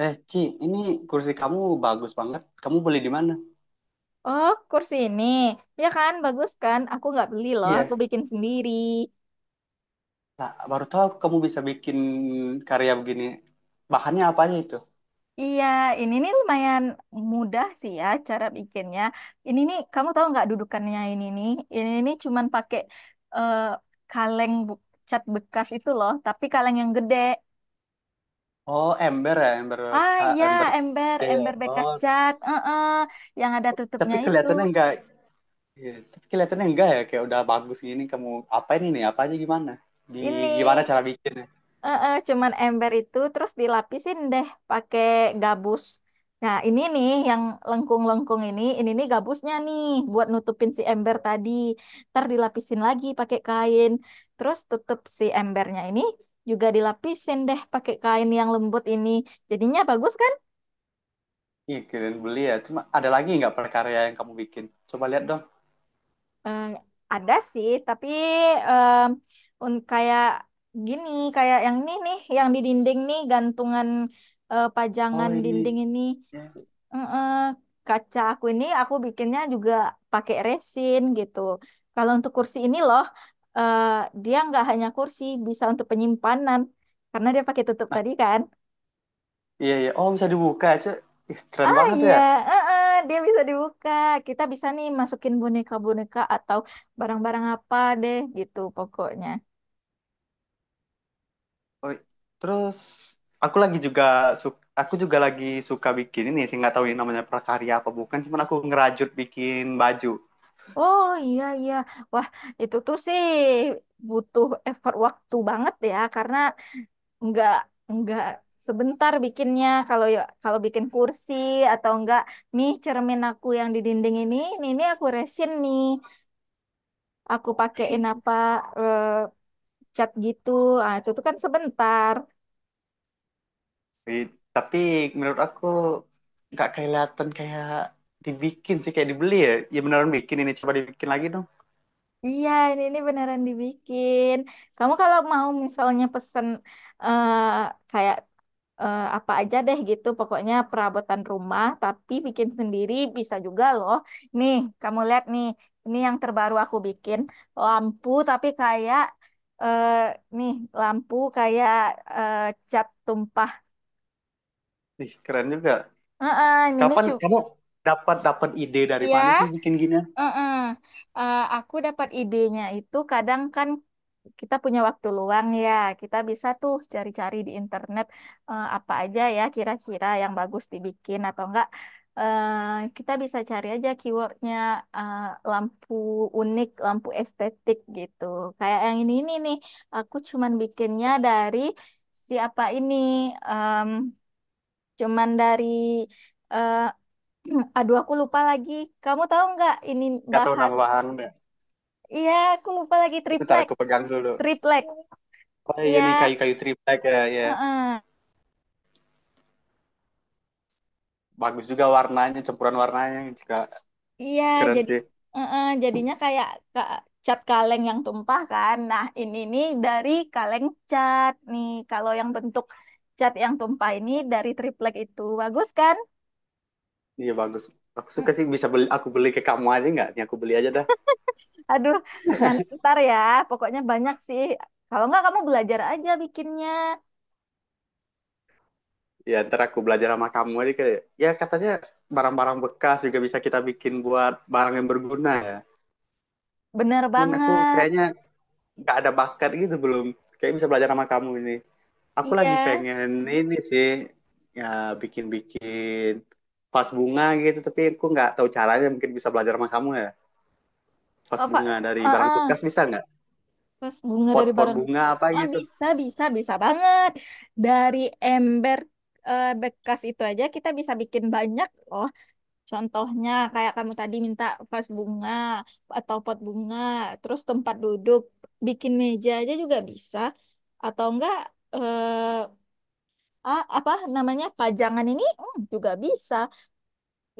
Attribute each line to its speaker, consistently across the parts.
Speaker 1: Ci, ini kursi kamu bagus banget. Kamu beli di mana?
Speaker 2: Oh, kursi ini. Ya kan, bagus kan? Aku nggak beli loh, aku
Speaker 1: Iya.
Speaker 2: bikin sendiri.
Speaker 1: Nah, baru tahu aku kamu bisa bikin karya begini. Bahannya apa aja itu?
Speaker 2: Iya, ini nih lumayan mudah sih ya cara bikinnya. Ini nih, kamu tahu nggak dudukannya ini nih? Ini nih cuman pakai eh, kaleng bu- cat bekas itu loh, tapi kaleng yang gede.
Speaker 1: Oh, ember ya, ember
Speaker 2: Ah ya,
Speaker 1: ember.
Speaker 2: ember,
Speaker 1: Iya,
Speaker 2: ember bekas
Speaker 1: oh,
Speaker 2: cat, yang ada tutupnya
Speaker 1: tapi
Speaker 2: itu.
Speaker 1: kelihatannya enggak. Iya, tapi kelihatannya enggak ya, kayak udah bagus gini. Kamu apa ini nih? Apa aja gimana? Di Gimana
Speaker 2: Ini.
Speaker 1: cara bikinnya?
Speaker 2: Cuman ember itu terus dilapisin deh pakai gabus. Nah, ini nih yang lengkung-lengkung ini nih gabusnya nih buat nutupin si ember tadi. Ntar dilapisin lagi pakai kain. Terus tutup si embernya ini juga dilapisin deh pakai kain yang lembut ini. Jadinya bagus kan?
Speaker 1: Iya, kalian beli ya. Cuma ada lagi nggak perkarya yang kamu bikin? Coba lihat dong.
Speaker 2: Eh, ada sih, tapi em, kayak gini, kayak yang ini nih, yang di dinding nih,
Speaker 1: Oh,
Speaker 2: pajangan
Speaker 1: ini.
Speaker 2: dinding ini.
Speaker 1: Iya,
Speaker 2: Eh, eh, Kaca aku ini aku bikinnya juga pakai resin gitu. Kalau untuk kursi ini loh, eh, dia nggak hanya kursi, bisa untuk penyimpanan. Karena dia pakai tutup tadi kan.
Speaker 1: iya. Iya. Oh, bisa dibuka aja. Ih, keren
Speaker 2: Ah
Speaker 1: banget
Speaker 2: iya,
Speaker 1: ya.
Speaker 2: dia bisa dibuka. Kita bisa nih masukin boneka-boneka atau barang-barang apa deh gitu pokoknya.
Speaker 1: Oh, terus aku lagi juga suka, aku juga lagi suka bikin ini sih nggak tahu ini namanya prakarya apa bukan, cuman aku ngerajut bikin baju.
Speaker 2: Oh iya iya, wah itu tuh sih butuh effort waktu banget ya karena nggak nggak sebentar bikinnya kalau bikin kursi atau enggak nih cermin aku yang di dinding ini, aku resin nih, aku pakein eh, cat gitu, ah itu tuh kan sebentar.
Speaker 1: Eh, Tapi menurut aku nggak kelihatan kayak dibikin sih kayak dibeli ya. Ya beneran bikin ini coba dibikin lagi dong.
Speaker 2: Iya, ini beneran dibikin. Kamu kalau mau misalnya pesen eh, kayak apa aja deh gitu, pokoknya perabotan rumah, tapi bikin sendiri bisa juga loh. Nih, kamu lihat nih, ini yang terbaru aku bikin lampu, tapi kayak eh, nih lampu kayak eh, cat tumpah.
Speaker 1: Ih, keren juga.
Speaker 2: Heeh, ini, ini
Speaker 1: Kapan
Speaker 2: cu-
Speaker 1: kamu dapat dapat ide dari
Speaker 2: Iya,
Speaker 1: mana sih bikin gini?
Speaker 2: heeh. Aku dapat idenya itu kadang kan kita punya waktu luang ya, kita bisa tuh cari-cari di internet, apa aja ya kira-kira yang bagus dibikin atau enggak. Kita bisa cari aja keywordnya, eh, lampu unik, lampu estetik gitu. Kayak yang ini nih, aku cuman bikinnya dari siapa ini, em, cuman dari eh, aduh aku lupa lagi. Kamu tahu nggak ini
Speaker 1: Nggak tahu
Speaker 2: bahan?
Speaker 1: nama bahan.
Speaker 2: Iya, aku lupa lagi
Speaker 1: Bentar
Speaker 2: triplek,
Speaker 1: aku pegang dulu.
Speaker 2: triplek.
Speaker 1: Oh iya nih
Speaker 2: Iya.
Speaker 1: kayu-kayu triplek ya, ya. Bagus juga warnanya, campuran warnanya juga
Speaker 2: Iya,
Speaker 1: keren
Speaker 2: jadi
Speaker 1: sih.
Speaker 2: jadinya kayak ka- cat kaleng yang tumpah kan. Nah, ini nih dari kaleng cat nih. Kalau yang bentuk cat yang tumpah ini dari triplek itu bagus kan?
Speaker 1: Iya bagus. Aku
Speaker 2: Mm,
Speaker 1: suka sih bisa beli aku beli ke kamu aja nggak? Nih aku beli aja dah.
Speaker 2: Aduh, ntar ya. Pokoknya banyak sih. Kalau nggak kamu belajar aja bikinnya.
Speaker 1: Ya ntar aku belajar sama kamu aja kayak ya katanya barang-barang bekas juga bisa kita bikin buat barang yang berguna ya.
Speaker 2: Bener
Speaker 1: Cuman aku
Speaker 2: banget.
Speaker 1: kayaknya nggak ada bakat gitu belum. Kayak bisa belajar sama kamu ini. Aku
Speaker 2: Iya.
Speaker 1: lagi pengen ini sih ya bikin-bikin vas bunga gitu tapi aku nggak tahu caranya mungkin bisa belajar sama kamu ya. Vas
Speaker 2: Apa?
Speaker 1: bunga dari
Speaker 2: eh,
Speaker 1: barang
Speaker 2: eh,
Speaker 1: bekas bisa nggak?
Speaker 2: Pas bunga dari
Speaker 1: Pot-pot
Speaker 2: barang.
Speaker 1: bunga apa
Speaker 2: Ah,
Speaker 1: gitu.
Speaker 2: bisa, bisa, bisa banget. Dari ember bekas itu aja kita bisa bikin banyak loh. Contohnya kayak kamu tadi minta vas bunga atau pot bunga, terus tempat duduk, bikin meja aja juga bisa, atau enggak eh, apa namanya pajangan ini juga bisa.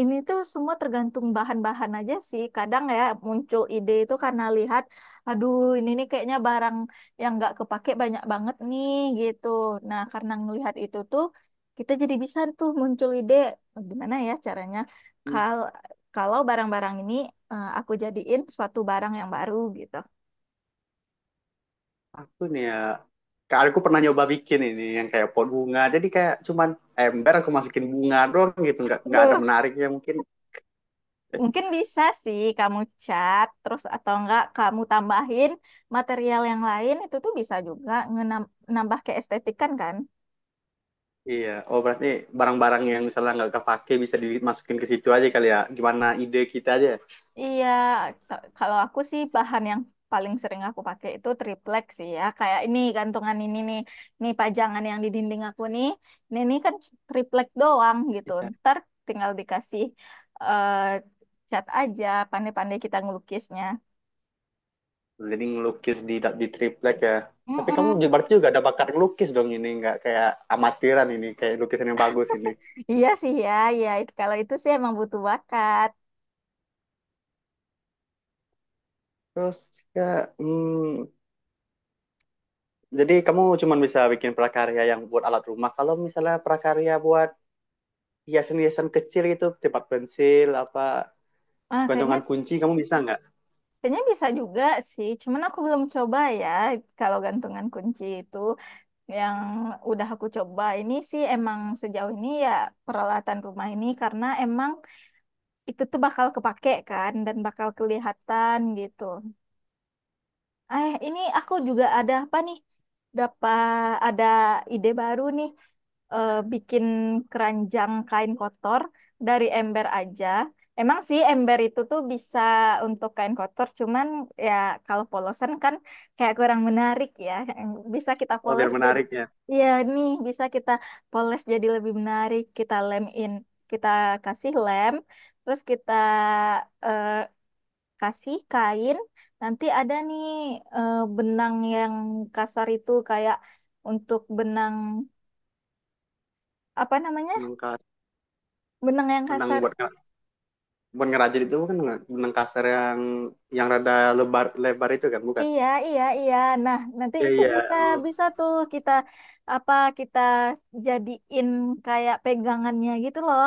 Speaker 2: Ini tuh semua tergantung bahan-bahan aja sih. Kadang ya muncul ide itu karena lihat, aduh ini nih kayaknya barang yang nggak kepake banyak banget nih gitu. Nah karena ngelihat itu tuh kita jadi bisa tuh muncul ide, "Oh, gimana ya caranya kalau kalau barang-barang ini aku jadiin suatu barang yang baru gitu."
Speaker 1: Aku nih ya, kayak aku pernah nyoba bikin ini yang kayak pot bunga. Jadi kayak cuman ember aku masukin bunga doang gitu, nggak ada
Speaker 2: Aduh,
Speaker 1: menariknya mungkin.
Speaker 2: mungkin bisa sih kamu cat terus atau enggak kamu tambahin material yang lain itu tuh bisa juga nambah keestetikan kan.
Speaker 1: Iya, oh berarti barang-barang yang misalnya nggak kepake bisa dimasukin ke situ aja kali ya. Gimana ide kita aja?
Speaker 2: Iya, kalau aku sih bahan yang paling sering aku pakai itu triplek sih ya. Kayak ini gantungan ini nih, ini pajangan yang di dinding aku nih. Ini kan triplek doang gitu.
Speaker 1: Iya.
Speaker 2: Ntar tinggal dikasih eh, cat aja, pandai-pandai kita ngelukisnya.
Speaker 1: Jadi ngelukis di triplek ya. Tapi kamu
Speaker 2: Mm-mm.
Speaker 1: juga berarti juga ada bakat ngelukis dong ini, nggak kayak amatiran ini, kayak lukisan yang bagus ini.
Speaker 2: Iya sih ya, kalau itu sih emang butuh bakat.
Speaker 1: Terus ya, hmm, jadi kamu cuma bisa bikin prakarya yang buat alat rumah. Kalau misalnya prakarya buat hiasan-hiasan kecil itu tempat pensil apa
Speaker 2: Ah, kayaknya
Speaker 1: gantungan kunci kamu bisa nggak
Speaker 2: kayaknya bisa juga sih. Cuman aku belum coba ya kalau gantungan kunci itu. Yang udah aku coba ini sih emang sejauh ini ya peralatan rumah ini karena emang itu tuh bakal kepake kan dan bakal kelihatan gitu. Ini aku juga ada apa nih? Dapat ada ide baru nih. Bikin keranjang kain kotor dari ember aja. Emang sih ember itu tuh bisa untuk kain kotor, cuman ya kalau polosan kan kayak kurang menarik ya. Bisa kita
Speaker 1: apa biar
Speaker 2: poles jadi,
Speaker 1: menarik ya
Speaker 2: ya nih bisa kita poles jadi lebih menarik. Kita lem in, kita kasih lem, terus kita eh, kasih kain, nanti ada nih benang yang kasar itu kayak untuk benang apa namanya
Speaker 1: benang kas
Speaker 2: benang yang
Speaker 1: benang
Speaker 2: kasar.
Speaker 1: buat buat ngerajut itu bukan nggak? Benang kasar yang rada lebar lebar itu kan bukan
Speaker 2: Iya, iya, iya. Nah nanti
Speaker 1: iya
Speaker 2: itu
Speaker 1: iya
Speaker 2: bisa
Speaker 1: oh.
Speaker 2: bisa tuh kita apa kita jadiin kayak pegangannya gitu loh.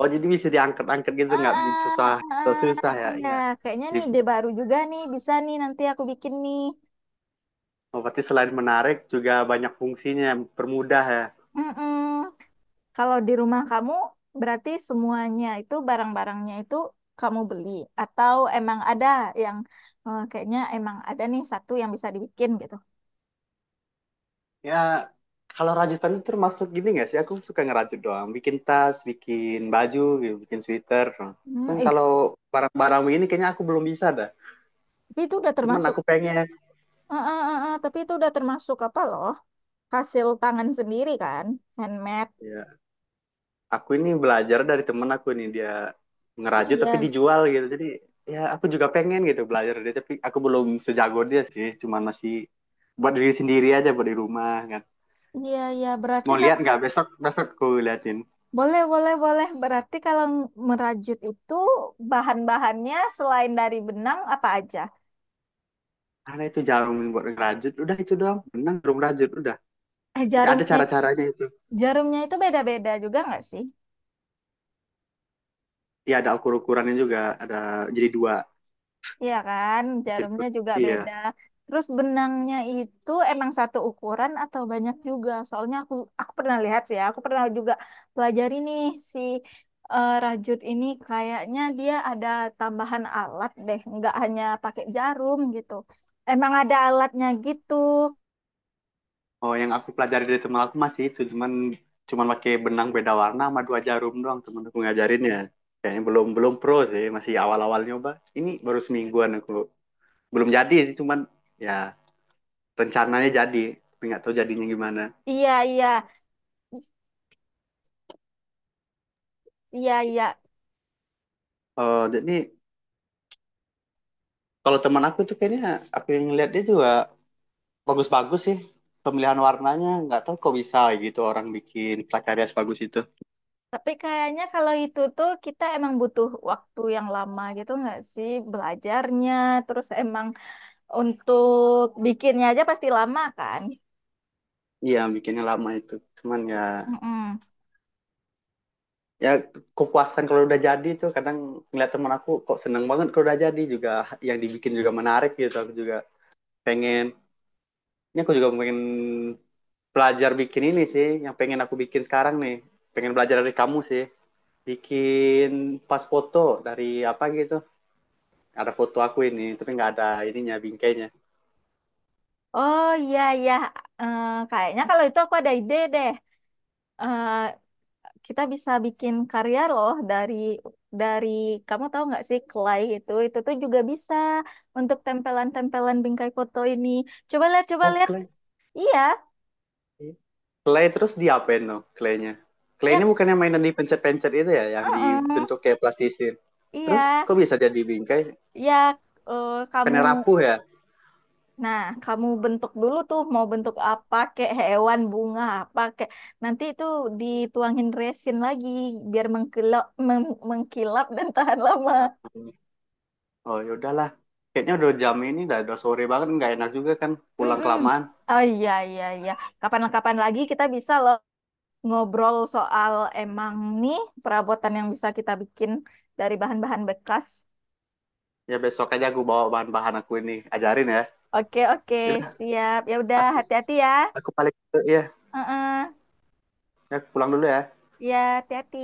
Speaker 1: Oh, jadi bisa diangkat-angkat gitu
Speaker 2: ah
Speaker 1: nggak
Speaker 2: ah,
Speaker 1: susah
Speaker 2: ah,
Speaker 1: susah ya
Speaker 2: iya,
Speaker 1: ya.
Speaker 2: kayaknya nih
Speaker 1: Jadi,
Speaker 2: ide baru juga nih bisa nih nanti aku bikin nih.
Speaker 1: oh, berarti selain menarik juga banyak fungsinya permudah ya.
Speaker 2: Mm-mm. Kalau di rumah kamu, berarti semuanya itu barang-barangnya itu kamu beli atau emang ada yang kayaknya emang ada nih satu yang bisa dibikin gitu.
Speaker 1: Ya, kalau rajutan itu termasuk gini nggak sih? Aku suka ngerajut doang. Bikin tas, bikin baju, gitu, bikin sweater. Cuman
Speaker 2: Ih,
Speaker 1: kalau barang-barang ini kayaknya aku belum bisa dah.
Speaker 2: tapi itu udah
Speaker 1: Cuman
Speaker 2: termasuk,
Speaker 1: aku pengen.
Speaker 2: tapi itu udah termasuk apa loh? Hasil tangan sendiri kan, handmade.
Speaker 1: Ya, aku ini belajar dari temen aku ini. Dia ngerajut
Speaker 2: Iya,
Speaker 1: tapi dijual gitu. Jadi ya aku juga pengen gitu belajar dari dia. Tapi aku belum sejago dia sih. Cuman masih buat diri sendiri aja, buat di rumah kan.
Speaker 2: iya, iya. Berarti
Speaker 1: Mau lihat
Speaker 2: kalau
Speaker 1: nggak? Besok, besok aku liatin.
Speaker 2: Boleh, boleh, boleh. Berarti kalau merajut itu bahan-bahannya selain dari benang apa aja?
Speaker 1: Karena itu jarum buat ngerajut, udah itu doang. Benang jarum rajut, udah. Ada
Speaker 2: Jarumnya,
Speaker 1: cara-caranya itu.
Speaker 2: jarumnya itu beda-beda juga nggak sih?
Speaker 1: Iya ada ukur-ukurannya juga, ada jadi dua.
Speaker 2: Iya kan, jarumnya juga
Speaker 1: Iya.
Speaker 2: beda. Terus benangnya itu emang satu ukuran atau banyak juga? Soalnya aku pernah lihat sih ya, aku pernah juga pelajari nih si rajut ini kayaknya dia ada tambahan alat deh, nggak hanya pakai jarum gitu. Emang ada alatnya gitu.
Speaker 1: Oh yang aku pelajari dari teman aku masih itu, cuman cuman pakai benang beda warna sama dua jarum doang teman aku ngajarinnya. Kayaknya belum belum pro sih, masih awal-awal nyoba. Ini baru semingguan aku. Belum jadi sih, cuman ya rencananya jadi, tapi nggak tahu jadinya gimana.
Speaker 2: Iya, iya. Iya, iya.
Speaker 1: Oh jadi kalau teman aku tuh kayaknya aku yang lihat dia juga bagus-bagus sih pemilihan warnanya nggak tahu kok bisa gitu orang bikin prakarya sebagus itu
Speaker 2: Tapi kayaknya kalau itu tuh kita emang butuh waktu yang lama gitu nggak sih belajarnya, terus emang untuk bikinnya aja pasti lama kan?
Speaker 1: iya bikinnya lama itu cuman ya
Speaker 2: Mm-mm.
Speaker 1: ya kepuasan kalau udah jadi tuh kadang ngeliat teman aku kok seneng banget kalau udah jadi juga yang dibikin juga menarik gitu aku juga pengen ini aku juga pengen belajar bikin ini sih yang pengen aku bikin sekarang nih pengen belajar dari kamu sih bikin pas foto dari apa gitu ada foto aku ini tapi nggak ada ininya bingkainya
Speaker 2: Oh iya iya. Kayaknya kalau itu aku ada ide deh. Eh, Kita bisa bikin karya loh dari kamu tahu nggak sih clay itu tuh juga bisa untuk tempelan-tempelan bingkai foto ini. Coba lihat coba
Speaker 1: oh
Speaker 2: lihat.
Speaker 1: clay
Speaker 2: Iya
Speaker 1: clay terus diapain no claynya clay
Speaker 2: ya,
Speaker 1: ini bukannya mainan dipencet-pencet itu ya yang
Speaker 2: mm-mm.
Speaker 1: dibentuk kayak plastisin terus
Speaker 2: Iya
Speaker 1: kok bisa jadi bingkai
Speaker 2: ya. Eh, kamu
Speaker 1: bukannya rapuh ya.
Speaker 2: Nah, kamu bentuk dulu tuh mau bentuk apa kayak hewan, bunga apa kayak nanti itu dituangin resin lagi biar mengkilap mengkilap dan tahan lama.
Speaker 1: Oh ya udahlah. Kayaknya udah jam ini, udah sore banget, nggak enak juga kan pulang
Speaker 2: Mm-mm.
Speaker 1: kelamaan.
Speaker 2: Oh iya iya iya. Kapan-kapan lagi kita bisa ngobrol soal emang nih perabotan yang bisa kita bikin dari bahan-bahan bekas.
Speaker 1: Ya besok aja aku bawa bahan-bahan aku ini, ajarin ya.
Speaker 2: Oke oke,
Speaker 1: Ya
Speaker 2: siap. Ya udah
Speaker 1: aku
Speaker 2: hati-hati ya.
Speaker 1: aku balik dulu ya.
Speaker 2: Heeh.
Speaker 1: Ya, aku pulang dulu ya.
Speaker 2: Ya, hati-hati.